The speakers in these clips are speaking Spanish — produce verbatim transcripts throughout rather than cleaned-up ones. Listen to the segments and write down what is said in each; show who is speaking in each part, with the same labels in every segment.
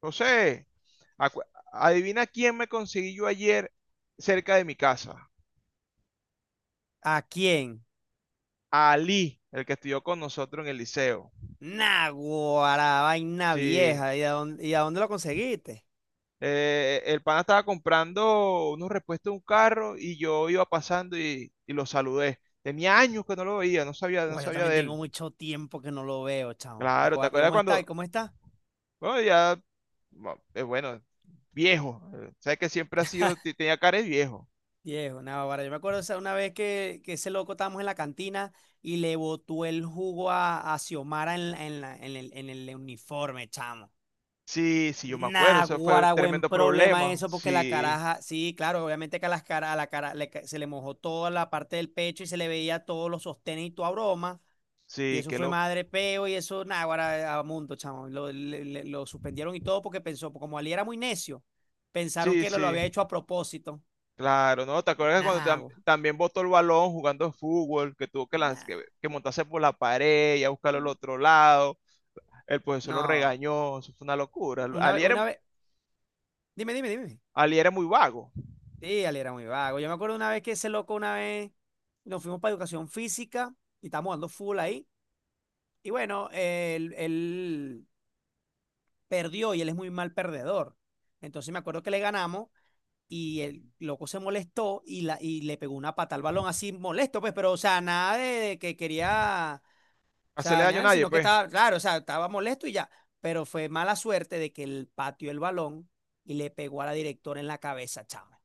Speaker 1: José, acu- adivina quién me conseguí yo ayer cerca de mi casa.
Speaker 2: ¿A quién?
Speaker 1: Ali, el que estudió con nosotros en el liceo.
Speaker 2: Naguará, vaina
Speaker 1: Sí,
Speaker 2: vieja. ¿Y a dónde, y a dónde lo conseguiste?
Speaker 1: eh, el pana estaba comprando unos repuestos de un carro y yo iba pasando y, y lo saludé. Tenía años que no lo veía, no sabía, no
Speaker 2: Uy, yo
Speaker 1: sabía
Speaker 2: también
Speaker 1: de
Speaker 2: tengo
Speaker 1: él.
Speaker 2: mucho tiempo que no lo veo, chamo.
Speaker 1: Claro, ¿te
Speaker 2: Naguará,
Speaker 1: acuerdas
Speaker 2: ¿cómo está? ¿Y
Speaker 1: cuando?
Speaker 2: cómo está?
Speaker 1: Bueno, ya, bueno, eh, bueno, viejo. eh, Sabes que siempre ha sido, te- tenía cara de viejo.
Speaker 2: Viejo, Naguará, yo me acuerdo esa- una vez que, que ese loco estábamos en la cantina y le botó el jugo a, a Xiomara en, la- en, la- en el, en el uniforme, chamo.
Speaker 1: Sí, sí, yo me acuerdo, eso fue un
Speaker 2: Naguará, buen
Speaker 1: tremendo
Speaker 2: problema
Speaker 1: problema.
Speaker 2: eso, porque la
Speaker 1: Sí,
Speaker 2: caraja, sí, claro, obviamente que a, las cara, a la cara le ca- se le mojó toda la parte del pecho y se le veía todos los sostenes y toda broma. Y
Speaker 1: sí,
Speaker 2: eso
Speaker 1: qué,
Speaker 2: fue
Speaker 1: lo,
Speaker 2: madre peo y eso, nada, ahora a mundo, chamo. Lo, le- le- lo suspendieron y todo porque pensó, como Ali era muy necio, pensaron
Speaker 1: sí,
Speaker 2: que lo, lo
Speaker 1: sí,
Speaker 2: había hecho a propósito.
Speaker 1: claro, ¿no? ¿Te acuerdas cuando
Speaker 2: Nah,
Speaker 1: tam-
Speaker 2: gua,
Speaker 1: también botó el balón jugando fútbol, que tuvo que, lanz- que,
Speaker 2: nah.
Speaker 1: que montarse por la pared y a buscarlo al otro lado? El profesor lo
Speaker 2: No,
Speaker 1: regañó, eso fue una locura.
Speaker 2: una vez,
Speaker 1: Ali era,
Speaker 2: una vez, dime, dime, dime.
Speaker 1: Ali era muy vago,
Speaker 2: Sí, Ali era muy vago. Yo me acuerdo una vez que ese loco, una vez, nos fuimos para educación física y estábamos dando full ahí. Y bueno, él, él perdió y él es muy mal perdedor. Entonces me acuerdo que le ganamos y el loco se molestó y, la, y le pegó una pata al balón así molesto, pues, pero, o sea, nada de, de que quería, o sea,
Speaker 1: hacerle daño a
Speaker 2: dañar,
Speaker 1: nadie,
Speaker 2: sino que
Speaker 1: pues.
Speaker 2: estaba, claro, o sea, estaba molesto y ya, pero fue mala suerte de que él pateó el balón y le pegó a la directora en la cabeza, chama.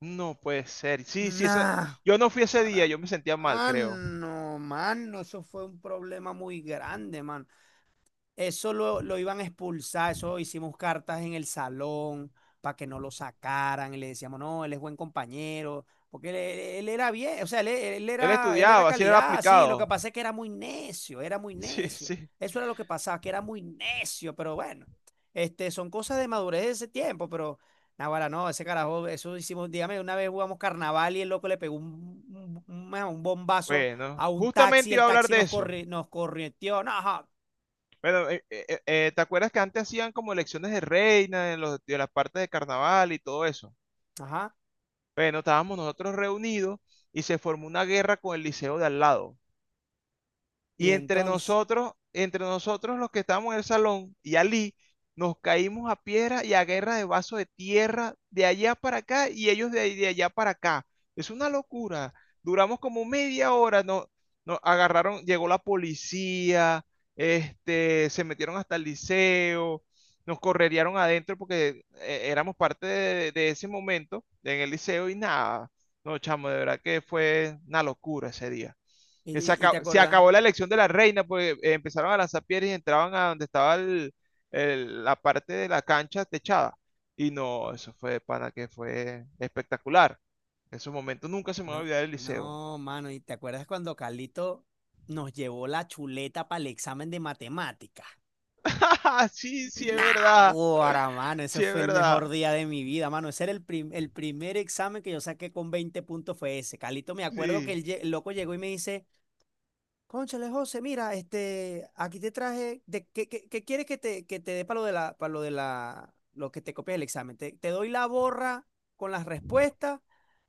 Speaker 1: No puede ser. Sí, sí, ese-
Speaker 2: Nah,
Speaker 1: yo no fui ese día,
Speaker 2: para,
Speaker 1: yo me sentía mal, creo.
Speaker 2: mano, mano, eso fue un problema muy grande, mano. Eso lo, lo iban a expulsar, eso hicimos cartas en el salón para que no lo sacaran, y le decíamos, no, él es buen compañero, porque él, él- él era bien, o sea, él, e, él
Speaker 1: Él
Speaker 2: era, él era
Speaker 1: estudiaba, así era
Speaker 2: calidad, sí, lo
Speaker 1: aplicado.
Speaker 2: que pasa es que era muy necio, era muy
Speaker 1: Sí,
Speaker 2: necio.
Speaker 1: sí.
Speaker 2: Eso era lo que pasaba, que era muy necio, pero bueno, este, son cosas de madurez de ese tiempo, pero naguará, no, ese carajo, eso hicimos, dígame, una vez jugamos carnaval y el loco le pegó un, un, un- un bombazo
Speaker 1: Bueno,
Speaker 2: a un taxi,
Speaker 1: justamente iba
Speaker 2: el
Speaker 1: a hablar
Speaker 2: taxi
Speaker 1: de
Speaker 2: nos
Speaker 1: eso.
Speaker 2: corri, nos corrió, no, ajá.
Speaker 1: Bueno, eh, eh, eh, ¿te acuerdas que antes hacían como elecciones de reina en los, de las partes de carnaval y todo eso?
Speaker 2: Ajá.
Speaker 1: Bueno, estábamos nosotros reunidos y se formó una guerra con el liceo de al lado. Y
Speaker 2: Y
Speaker 1: entre
Speaker 2: entonces,
Speaker 1: nosotros, entre nosotros los que estábamos en el salón y Ali, nos caímos a piedra y a guerra de vaso de tierra de allá para acá y ellos de, ahí- de allá para acá. Es una locura. Duramos como media hora, no, nos agarraron, llegó la policía, este, se metieron hasta el liceo, nos correrían adentro porque eh, éramos parte de, de ese momento en el liceo y nada. No, chamo, de verdad que fue una locura ese día.
Speaker 2: ¿y,
Speaker 1: Que se
Speaker 2: y- y te
Speaker 1: acabó, se
Speaker 2: acuerdas?
Speaker 1: acabó la elección de la reina porque eh, empezaron a lanzar piedras y entraban a donde estaba el- el- la parte de la cancha techada. Y no, eso fue de pana que fue espectacular. En esos momentos nunca se me va a
Speaker 2: No,
Speaker 1: olvidar el liceo.
Speaker 2: no, mano, ¿y te acuerdas cuando Carlito nos llevó la chuleta para el examen de matemáticas?
Speaker 1: Sí, sí, ¡es
Speaker 2: Nah,
Speaker 1: verdad!
Speaker 2: ahora, mano, ese
Speaker 1: Sí, es
Speaker 2: fue el
Speaker 1: verdad.
Speaker 2: mejor día de mi vida, mano. Ese era el, prim- el primer examen que yo saqué con veinte puntos fue ese. Carlito, me acuerdo que
Speaker 1: Sí.
Speaker 2: el, lle- el loco llegó y me dice, cónchale, José, mira, este, aquí te traje, de, ¿qué, qué- qué quieres que te, que te dé para lo de la, para lo de la, lo que te copias el examen? Te, te doy la borra con las respuestas.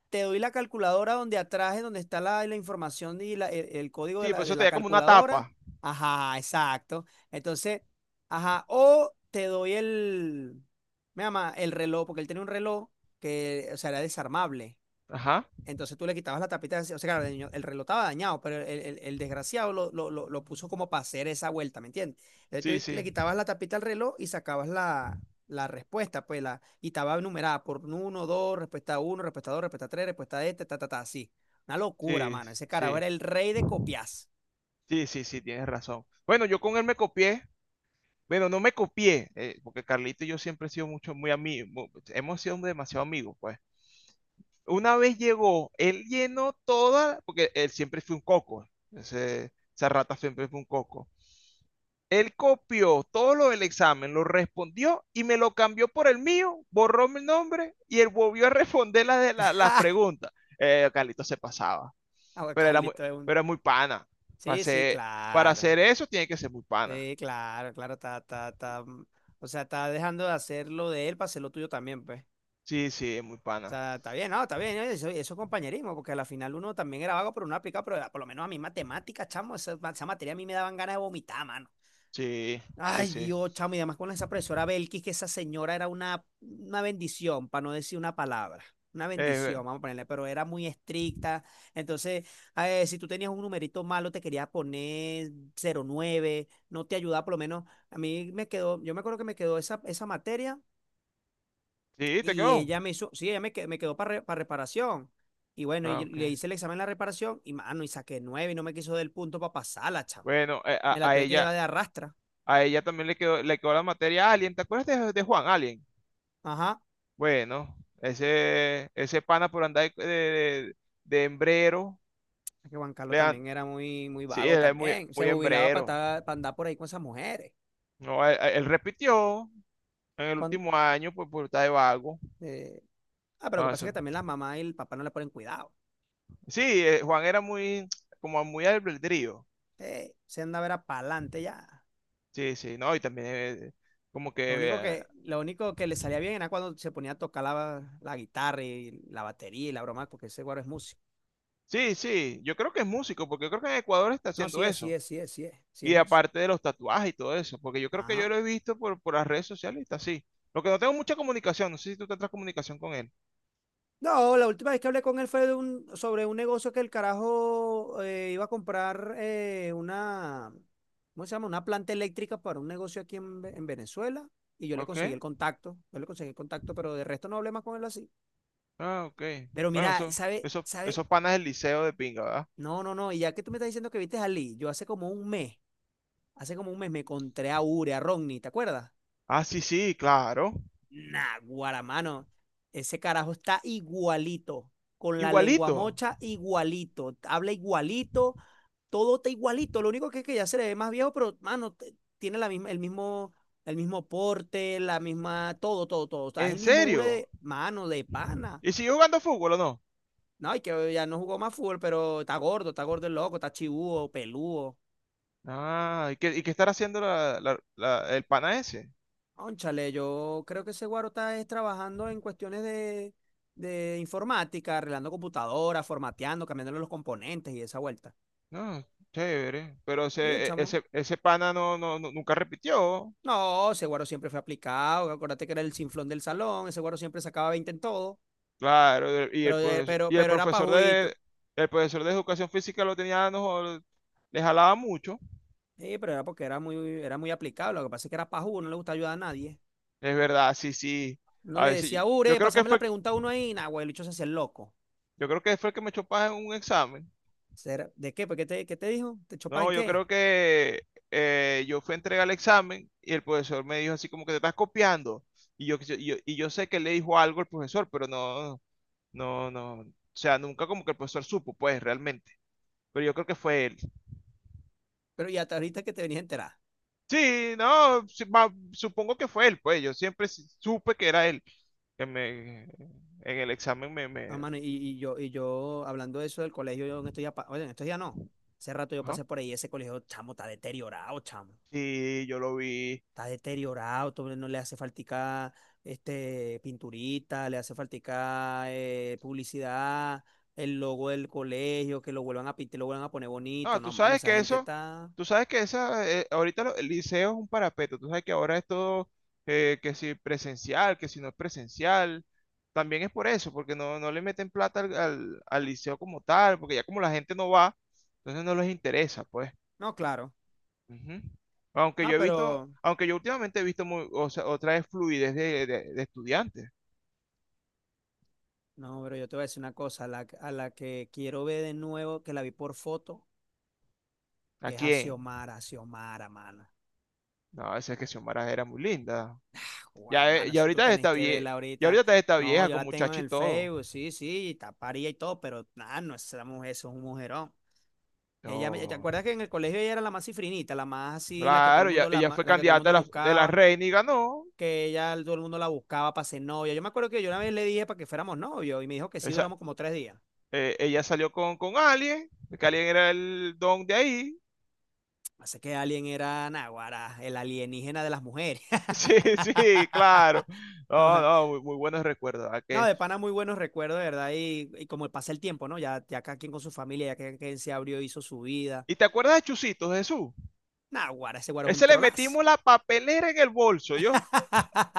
Speaker 2: Te doy la calculadora donde atrás es donde está la, la información y la- el, el código de
Speaker 1: Sí,
Speaker 2: la,
Speaker 1: pues
Speaker 2: de
Speaker 1: eso
Speaker 2: la
Speaker 1: tenía como una
Speaker 2: calculadora.
Speaker 1: tapa.
Speaker 2: Ajá, exacto. Entonces, ajá, o te doy el, me llama, el reloj, porque él tenía un reloj que, o sea, era desarmable.
Speaker 1: Ajá.
Speaker 2: Entonces tú le quitabas la tapita, o sea, claro, el, niño- el reloj estaba dañado, pero el, el- el desgraciado lo, lo- lo- lo puso como para hacer esa vuelta, ¿me entiendes?
Speaker 1: Sí,
Speaker 2: Entonces tú le
Speaker 1: sí.
Speaker 2: quitabas la tapita al reloj y sacabas la, la respuesta, pues, la, y estaba numerada por uno, dos, respuesta uno, respuesta dos, respuesta tres, respuesta este, ta, ta, ta, así. Una locura,
Speaker 1: Sí,
Speaker 2: mano. Ese carajo
Speaker 1: sí.
Speaker 2: era el rey de copias.
Speaker 1: Sí, sí, sí, tienes razón. Bueno, yo con él me copié. Bueno, no me copié, eh, porque Carlito y yo siempre hemos sido mucho, muy amigos, hemos sido demasiado amigos, pues. Una vez llegó, él llenó toda, porque él siempre fue un coco, ese- esa rata siempre fue un coco. Él copió todo lo del examen, lo respondió y me lo cambió por el mío, borró mi nombre y él volvió a responder las, de la- las preguntas. Eh, Carlito se pasaba,
Speaker 2: Ah, bueno,
Speaker 1: pero era muy,
Speaker 2: Carlito es un...
Speaker 1: pero era muy pana. Para
Speaker 2: Sí, sí,
Speaker 1: hacer, para
Speaker 2: claro.
Speaker 1: hacer eso tiene que ser muy pana.
Speaker 2: Sí, claro, claro, está, está, está. mm, O sea, está dejando de hacer lo de él para hacer lo tuyo también, pues.
Speaker 1: Sí, sí, es muy
Speaker 2: O
Speaker 1: pana.
Speaker 2: sea, está bien, no, está bien, ¿no? eso, eso es compañerismo, porque al final uno también era vago, pero uno aplicaba, pero por lo menos a mí matemáticas, chamo, esa, esa materia a mí me daban ganas de vomitar, mano.
Speaker 1: Sí, sí,
Speaker 2: Ay,
Speaker 1: sí.
Speaker 2: Dios, chamo, y además con esa profesora Belkis, que esa señora era una, una bendición, para no decir una palabra, una
Speaker 1: Eh,
Speaker 2: bendición, vamos a ponerle, pero era muy estricta, entonces, eh, si tú tenías un numerito malo, te quería poner cero nueve, no te ayudaba, por lo menos, a mí me quedó, yo me acuerdo que me quedó esa, esa materia
Speaker 1: sí, te
Speaker 2: y
Speaker 1: quedó.
Speaker 2: ella me hizo, sí, ella me, que- me quedó para reparación. Y bueno, y
Speaker 1: Ah,
Speaker 2: yo
Speaker 1: ok.
Speaker 2: le hice el examen de la reparación y mano, y saqué nueve y no me quiso dar el punto para pasarla, chavo.
Speaker 1: Bueno, eh, a,
Speaker 2: Me la
Speaker 1: a
Speaker 2: tuve que
Speaker 1: ella,
Speaker 2: llevar de arrastra.
Speaker 1: a ella también le quedó, le quedó la materia Alien. ¿Te acuerdas de, de Juan Alien?
Speaker 2: Ajá.
Speaker 1: Bueno, ese, ese pana por andar de, de, de hembrero.
Speaker 2: Es que Juan
Speaker 1: le
Speaker 2: Carlos
Speaker 1: dan-
Speaker 2: también era muy, muy
Speaker 1: sí,
Speaker 2: vago
Speaker 1: él es muy,
Speaker 2: también. Se
Speaker 1: muy
Speaker 2: jubilaba
Speaker 1: hembrero.
Speaker 2: para andar por ahí con esas mujeres.
Speaker 1: No, él, él repitió en el
Speaker 2: Con,
Speaker 1: último año pues por estar de vago.
Speaker 2: eh, Ah, pero lo
Speaker 1: Ah,
Speaker 2: que pasa es
Speaker 1: eso.
Speaker 2: que también la mamá y el papá no le ponen cuidado.
Speaker 1: Sí, eh, Juan era muy, como muy albedrío.
Speaker 2: Eh, se andaba era para adelante ya.
Speaker 1: Sí, sí, no, y también eh, como
Speaker 2: Lo
Speaker 1: que
Speaker 2: único
Speaker 1: eh,
Speaker 2: que, lo único que le salía bien era cuando se ponía a tocar la, la guitarra y la batería y la broma, porque ese guaro es músico.
Speaker 1: sí, sí, yo creo que es músico, porque yo creo que en Ecuador está
Speaker 2: No,
Speaker 1: haciendo
Speaker 2: sí es, sí
Speaker 1: eso.
Speaker 2: es, sí es, sí es, sí es
Speaker 1: Y
Speaker 2: músico.
Speaker 1: aparte de los tatuajes y todo eso, porque yo creo que yo
Speaker 2: Ajá.
Speaker 1: lo he visto por, por las redes sociales y está así. Lo que no tengo mucha comunicación, no sé si tú tendrás comunicación con él.
Speaker 2: No, la última vez que hablé con él fue de un, sobre un negocio que el carajo eh, iba a comprar eh, una, ¿cómo se llama? Una planta eléctrica para un negocio aquí en, Ve- en Venezuela y yo le
Speaker 1: Ok,
Speaker 2: conseguí el contacto, yo le conseguí el contacto, pero de resto no hablé más con él así.
Speaker 1: ah, ok.
Speaker 2: Pero
Speaker 1: Bueno,
Speaker 2: mira,
Speaker 1: eso,
Speaker 2: ¿sabe?
Speaker 1: eso,
Speaker 2: ¿Sabe?
Speaker 1: esos panas del liceo de pinga, ¿verdad?
Speaker 2: No, no, no, y ya que tú me estás diciendo que viste a Lee, yo hace como un mes, hace como un mes me encontré a Ure, a Ronnie, ¿te acuerdas?
Speaker 1: Ah, sí, sí, claro.
Speaker 2: Nah, guaramano. Ese carajo está igualito, con la lengua
Speaker 1: Igualito,
Speaker 2: mocha igualito, habla igualito, todo está igualito. Lo único que es que ya se le ve más viejo, pero, mano, t- tiene la misma, el mismo, el mismo porte, la misma, todo, todo, todo. O sea, es
Speaker 1: en
Speaker 2: el mismo ure
Speaker 1: serio.
Speaker 2: de mano, de pana.
Speaker 1: ¿Y siguió jugando fútbol o no?
Speaker 2: No, y que ya no jugó más fútbol, pero está gordo, está gordo el loco, está chibúo, peludo.
Speaker 1: Ah, ¿y qué, y qué estará haciendo la- la- la- el pana ese?
Speaker 2: Cónchale, yo creo que ese guaro está es trabajando en cuestiones de, de informática, arreglando computadoras, formateando, cambiándole los componentes y esa vuelta.
Speaker 1: No, chévere. Pero
Speaker 2: Y el
Speaker 1: ese, e-
Speaker 2: chamo,
Speaker 1: ese, ese pana no, no, no- nunca repitió.
Speaker 2: no, ese guaro siempre fue aplicado, acuérdate que era el sinflón del salón, ese guaro siempre sacaba veinte en todo,
Speaker 1: Claro, y el,
Speaker 2: pero, e-
Speaker 1: profes-
Speaker 2: pero,
Speaker 1: y el
Speaker 2: pero era
Speaker 1: profesor de
Speaker 2: pajuito.
Speaker 1: el profesor de educación física lo tenía, nos le jalaba mucho.
Speaker 2: Sí, pero era porque era muy, era muy aplicado, lo que pasa es que era pajú, no le gusta ayudar a nadie.
Speaker 1: Es verdad, sí, sí.
Speaker 2: No
Speaker 1: A
Speaker 2: le
Speaker 1: ver, sí.
Speaker 2: decía,
Speaker 1: Yo
Speaker 2: Ure,
Speaker 1: creo que
Speaker 2: pásame la
Speaker 1: fue,
Speaker 2: pregunta a uno ahí, nah, güey, el bicho se hacía el loco.
Speaker 1: yo creo que fue el que me echó paja en un examen.
Speaker 2: Será- ¿De qué? ¿Por qué te, qué te dijo? ¿Te chopas
Speaker 1: No,
Speaker 2: en
Speaker 1: yo
Speaker 2: qué?
Speaker 1: creo que eh, yo fui a entregar el examen y el profesor me dijo así como que te estás copiando. Y yo, y yo, y yo sé que le dijo algo el profesor, pero no, no, no. O sea, nunca como que el profesor supo, pues, realmente. Pero yo creo que fue él.
Speaker 2: Pero ya hasta ahorita que te venías a enterar.
Speaker 1: Sí, no, sí, ma- supongo que fue él, pues yo siempre si- supe que era él. que me- en el examen me,
Speaker 2: No,
Speaker 1: me...
Speaker 2: mano, y, y yo, y yo, hablando de eso del colegio, yo en estos días, pa- oye, en estos días no. Hace rato yo
Speaker 1: Ajá.
Speaker 2: pasé por ahí, ese colegio, chamo, está deteriorado, chamo.
Speaker 1: Sí, yo lo vi.
Speaker 2: Está deteriorado, todo, no le hace faltica, este, pinturita, le hace faltica, eh, publicidad, el logo del colegio, que lo vuelvan a pintar, lo vuelvan a poner
Speaker 1: No,
Speaker 2: bonito.
Speaker 1: tú
Speaker 2: No, mano,
Speaker 1: sabes
Speaker 2: esa
Speaker 1: que
Speaker 2: gente
Speaker 1: eso,
Speaker 2: está.
Speaker 1: tú sabes que esa, eh, ahorita lo- el liceo es un parapeto, tú sabes que ahora es todo, eh, que si presencial, que si no es presencial, también es por eso, porque no, no le meten plata al, al al liceo como tal, porque ya como la gente no va, entonces no les interesa, pues.
Speaker 2: No, claro.
Speaker 1: Ujú. Aunque
Speaker 2: Ah,
Speaker 1: yo he visto,
Speaker 2: pero.
Speaker 1: aunque yo últimamente he visto muy, o sea, otra vez fluidez de, de- de estudiantes.
Speaker 2: No, pero yo te voy a decir una cosa, a la, a la que quiero ver de nuevo, que la vi por foto, es a
Speaker 1: Aquí en,
Speaker 2: Xiomara, Xiomara, mano.
Speaker 1: no, esa es que Xiomara era muy linda. Ya, eh,
Speaker 2: Guaramano,
Speaker 1: ya
Speaker 2: eso tú
Speaker 1: ahorita
Speaker 2: tenés
Speaker 1: está
Speaker 2: que
Speaker 1: vieja,
Speaker 2: verla
Speaker 1: ya
Speaker 2: ahorita.
Speaker 1: ahorita está
Speaker 2: No,
Speaker 1: vieja
Speaker 2: yo
Speaker 1: con
Speaker 2: la tengo en
Speaker 1: muchacho y
Speaker 2: el
Speaker 1: todo.
Speaker 2: Facebook, sí, sí, taparía y todo, pero nada, no es esa mujer, eso es un mujerón. Ella, me- ¿te
Speaker 1: No,
Speaker 2: acuerdas que en el colegio ella era la más cifrinita, la más así, la que todo el
Speaker 1: claro, ya-
Speaker 2: mundo, la,
Speaker 1: ella
Speaker 2: ma-
Speaker 1: fue
Speaker 2: la que todo el
Speaker 1: candidata de
Speaker 2: mundo
Speaker 1: la, de la
Speaker 2: buscaba,
Speaker 1: reina y ganó.
Speaker 2: que ella, todo el mundo la buscaba para ser novia? Yo me acuerdo que yo una vez le dije para que fuéramos novios y me dijo que sí,
Speaker 1: Esa,
Speaker 2: duramos como tres días.
Speaker 1: eh, ella salió con, con alguien, que alguien era el don de ahí.
Speaker 2: Así que Alien era Naguará, el alienígena de las mujeres.
Speaker 1: Sí, sí, claro. No, no, muy, muy buenos recuerdos. ¿Verdad
Speaker 2: No,
Speaker 1: que?
Speaker 2: de pana, muy buenos recuerdos, de verdad, y, y como pasa el tiempo, ¿no? Ya, ya cada quien con su familia, ya cada quien se abrió, hizo su vida.
Speaker 1: ¿Y te acuerdas de Chusito, Jesús?
Speaker 2: Nah, guara, ese guaro es un
Speaker 1: Ese le
Speaker 2: trolazo.
Speaker 1: metimos la papelera en el bolso, ¿yo?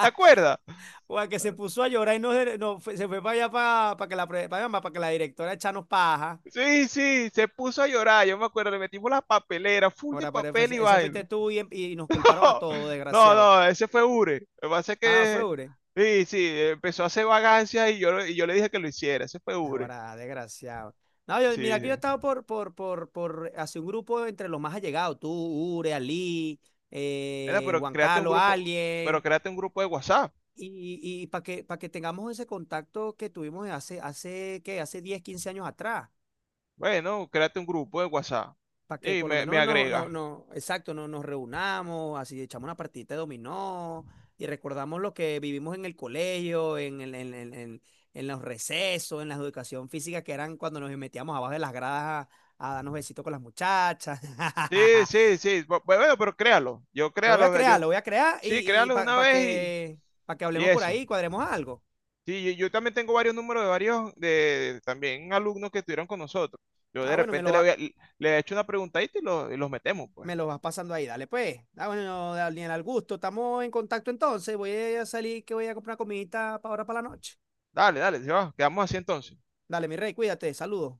Speaker 1: ¿Te acuerdas?
Speaker 2: Guara, que se puso a llorar y no, se- no se fue para allá para, para que la para pa' allá, que la directora echanos paja.
Speaker 1: Sí, sí, se puso a llorar, yo me acuerdo, le metimos la papelera, full de
Speaker 2: Ahora, pero
Speaker 1: papel y
Speaker 2: ese,
Speaker 1: vaina.
Speaker 2: fuiste tú y, y nos culparon a todos,
Speaker 1: No,
Speaker 2: desgraciado.
Speaker 1: no, ese fue Ure. Lo que pasa es
Speaker 2: Ah, fue
Speaker 1: que,
Speaker 2: Ure.
Speaker 1: sí, sí, empezó a hacer vagancias y yo, y yo le dije que lo hiciera, ese fue Ure.
Speaker 2: Ahora, desgraciado. No, yo, mira,
Speaker 1: Sí,
Speaker 2: aquí yo he
Speaker 1: sí.
Speaker 2: estado por, por, por, por hacer un grupo entre los más allegados. Tú, Ure, Ali,
Speaker 1: Mira,
Speaker 2: eh,
Speaker 1: pero
Speaker 2: Juan
Speaker 1: créate un
Speaker 2: Carlos,
Speaker 1: grupo, pero
Speaker 2: Alien.
Speaker 1: créate un grupo de WhatsApp.
Speaker 2: Y, y y para que, para que tengamos ese contacto que tuvimos hace, hace, ¿qué? Hace diez quince años atrás.
Speaker 1: Bueno, créate un grupo de WhatsApp
Speaker 2: Para que
Speaker 1: y
Speaker 2: por lo
Speaker 1: me, me
Speaker 2: menos no, no,
Speaker 1: agrega.
Speaker 2: no, exacto, no, nos reunamos, así echamos una partidita de dominó y recordamos lo que vivimos en el colegio, en, el- en, en, en- en los recesos, en la educación física, que eran cuando nos metíamos abajo de las gradas a, a darnos besitos con las muchachas.
Speaker 1: Sí, sí, sí. bu- Bueno, pero créalo. Yo
Speaker 2: Lo voy a
Speaker 1: créalo. Yo,
Speaker 2: crear, lo voy a crear
Speaker 1: sí,
Speaker 2: y,
Speaker 1: créalo de una
Speaker 2: para
Speaker 1: vez y,
Speaker 2: que, para que
Speaker 1: y
Speaker 2: hablemos por
Speaker 1: eso.
Speaker 2: ahí y cuadremos algo.
Speaker 1: Sí, yo, yo también tengo varios números de varios, de, de también alumnos que estuvieron con nosotros. Yo de
Speaker 2: Ah, bueno, me
Speaker 1: repente
Speaker 2: lo
Speaker 1: le, voy
Speaker 2: va.
Speaker 1: a- le he hecho una preguntadita y, lo- y los metemos, pues.
Speaker 2: Me lo vas pasando ahí, dale pues. Ah, bueno, Daniel, al gusto. Estamos en contacto entonces. Voy a salir que voy a comprar comidita para ahora para la noche.
Speaker 1: Dale, dale, se va, quedamos así entonces.
Speaker 2: Dale, mi rey, cuídate, saludos.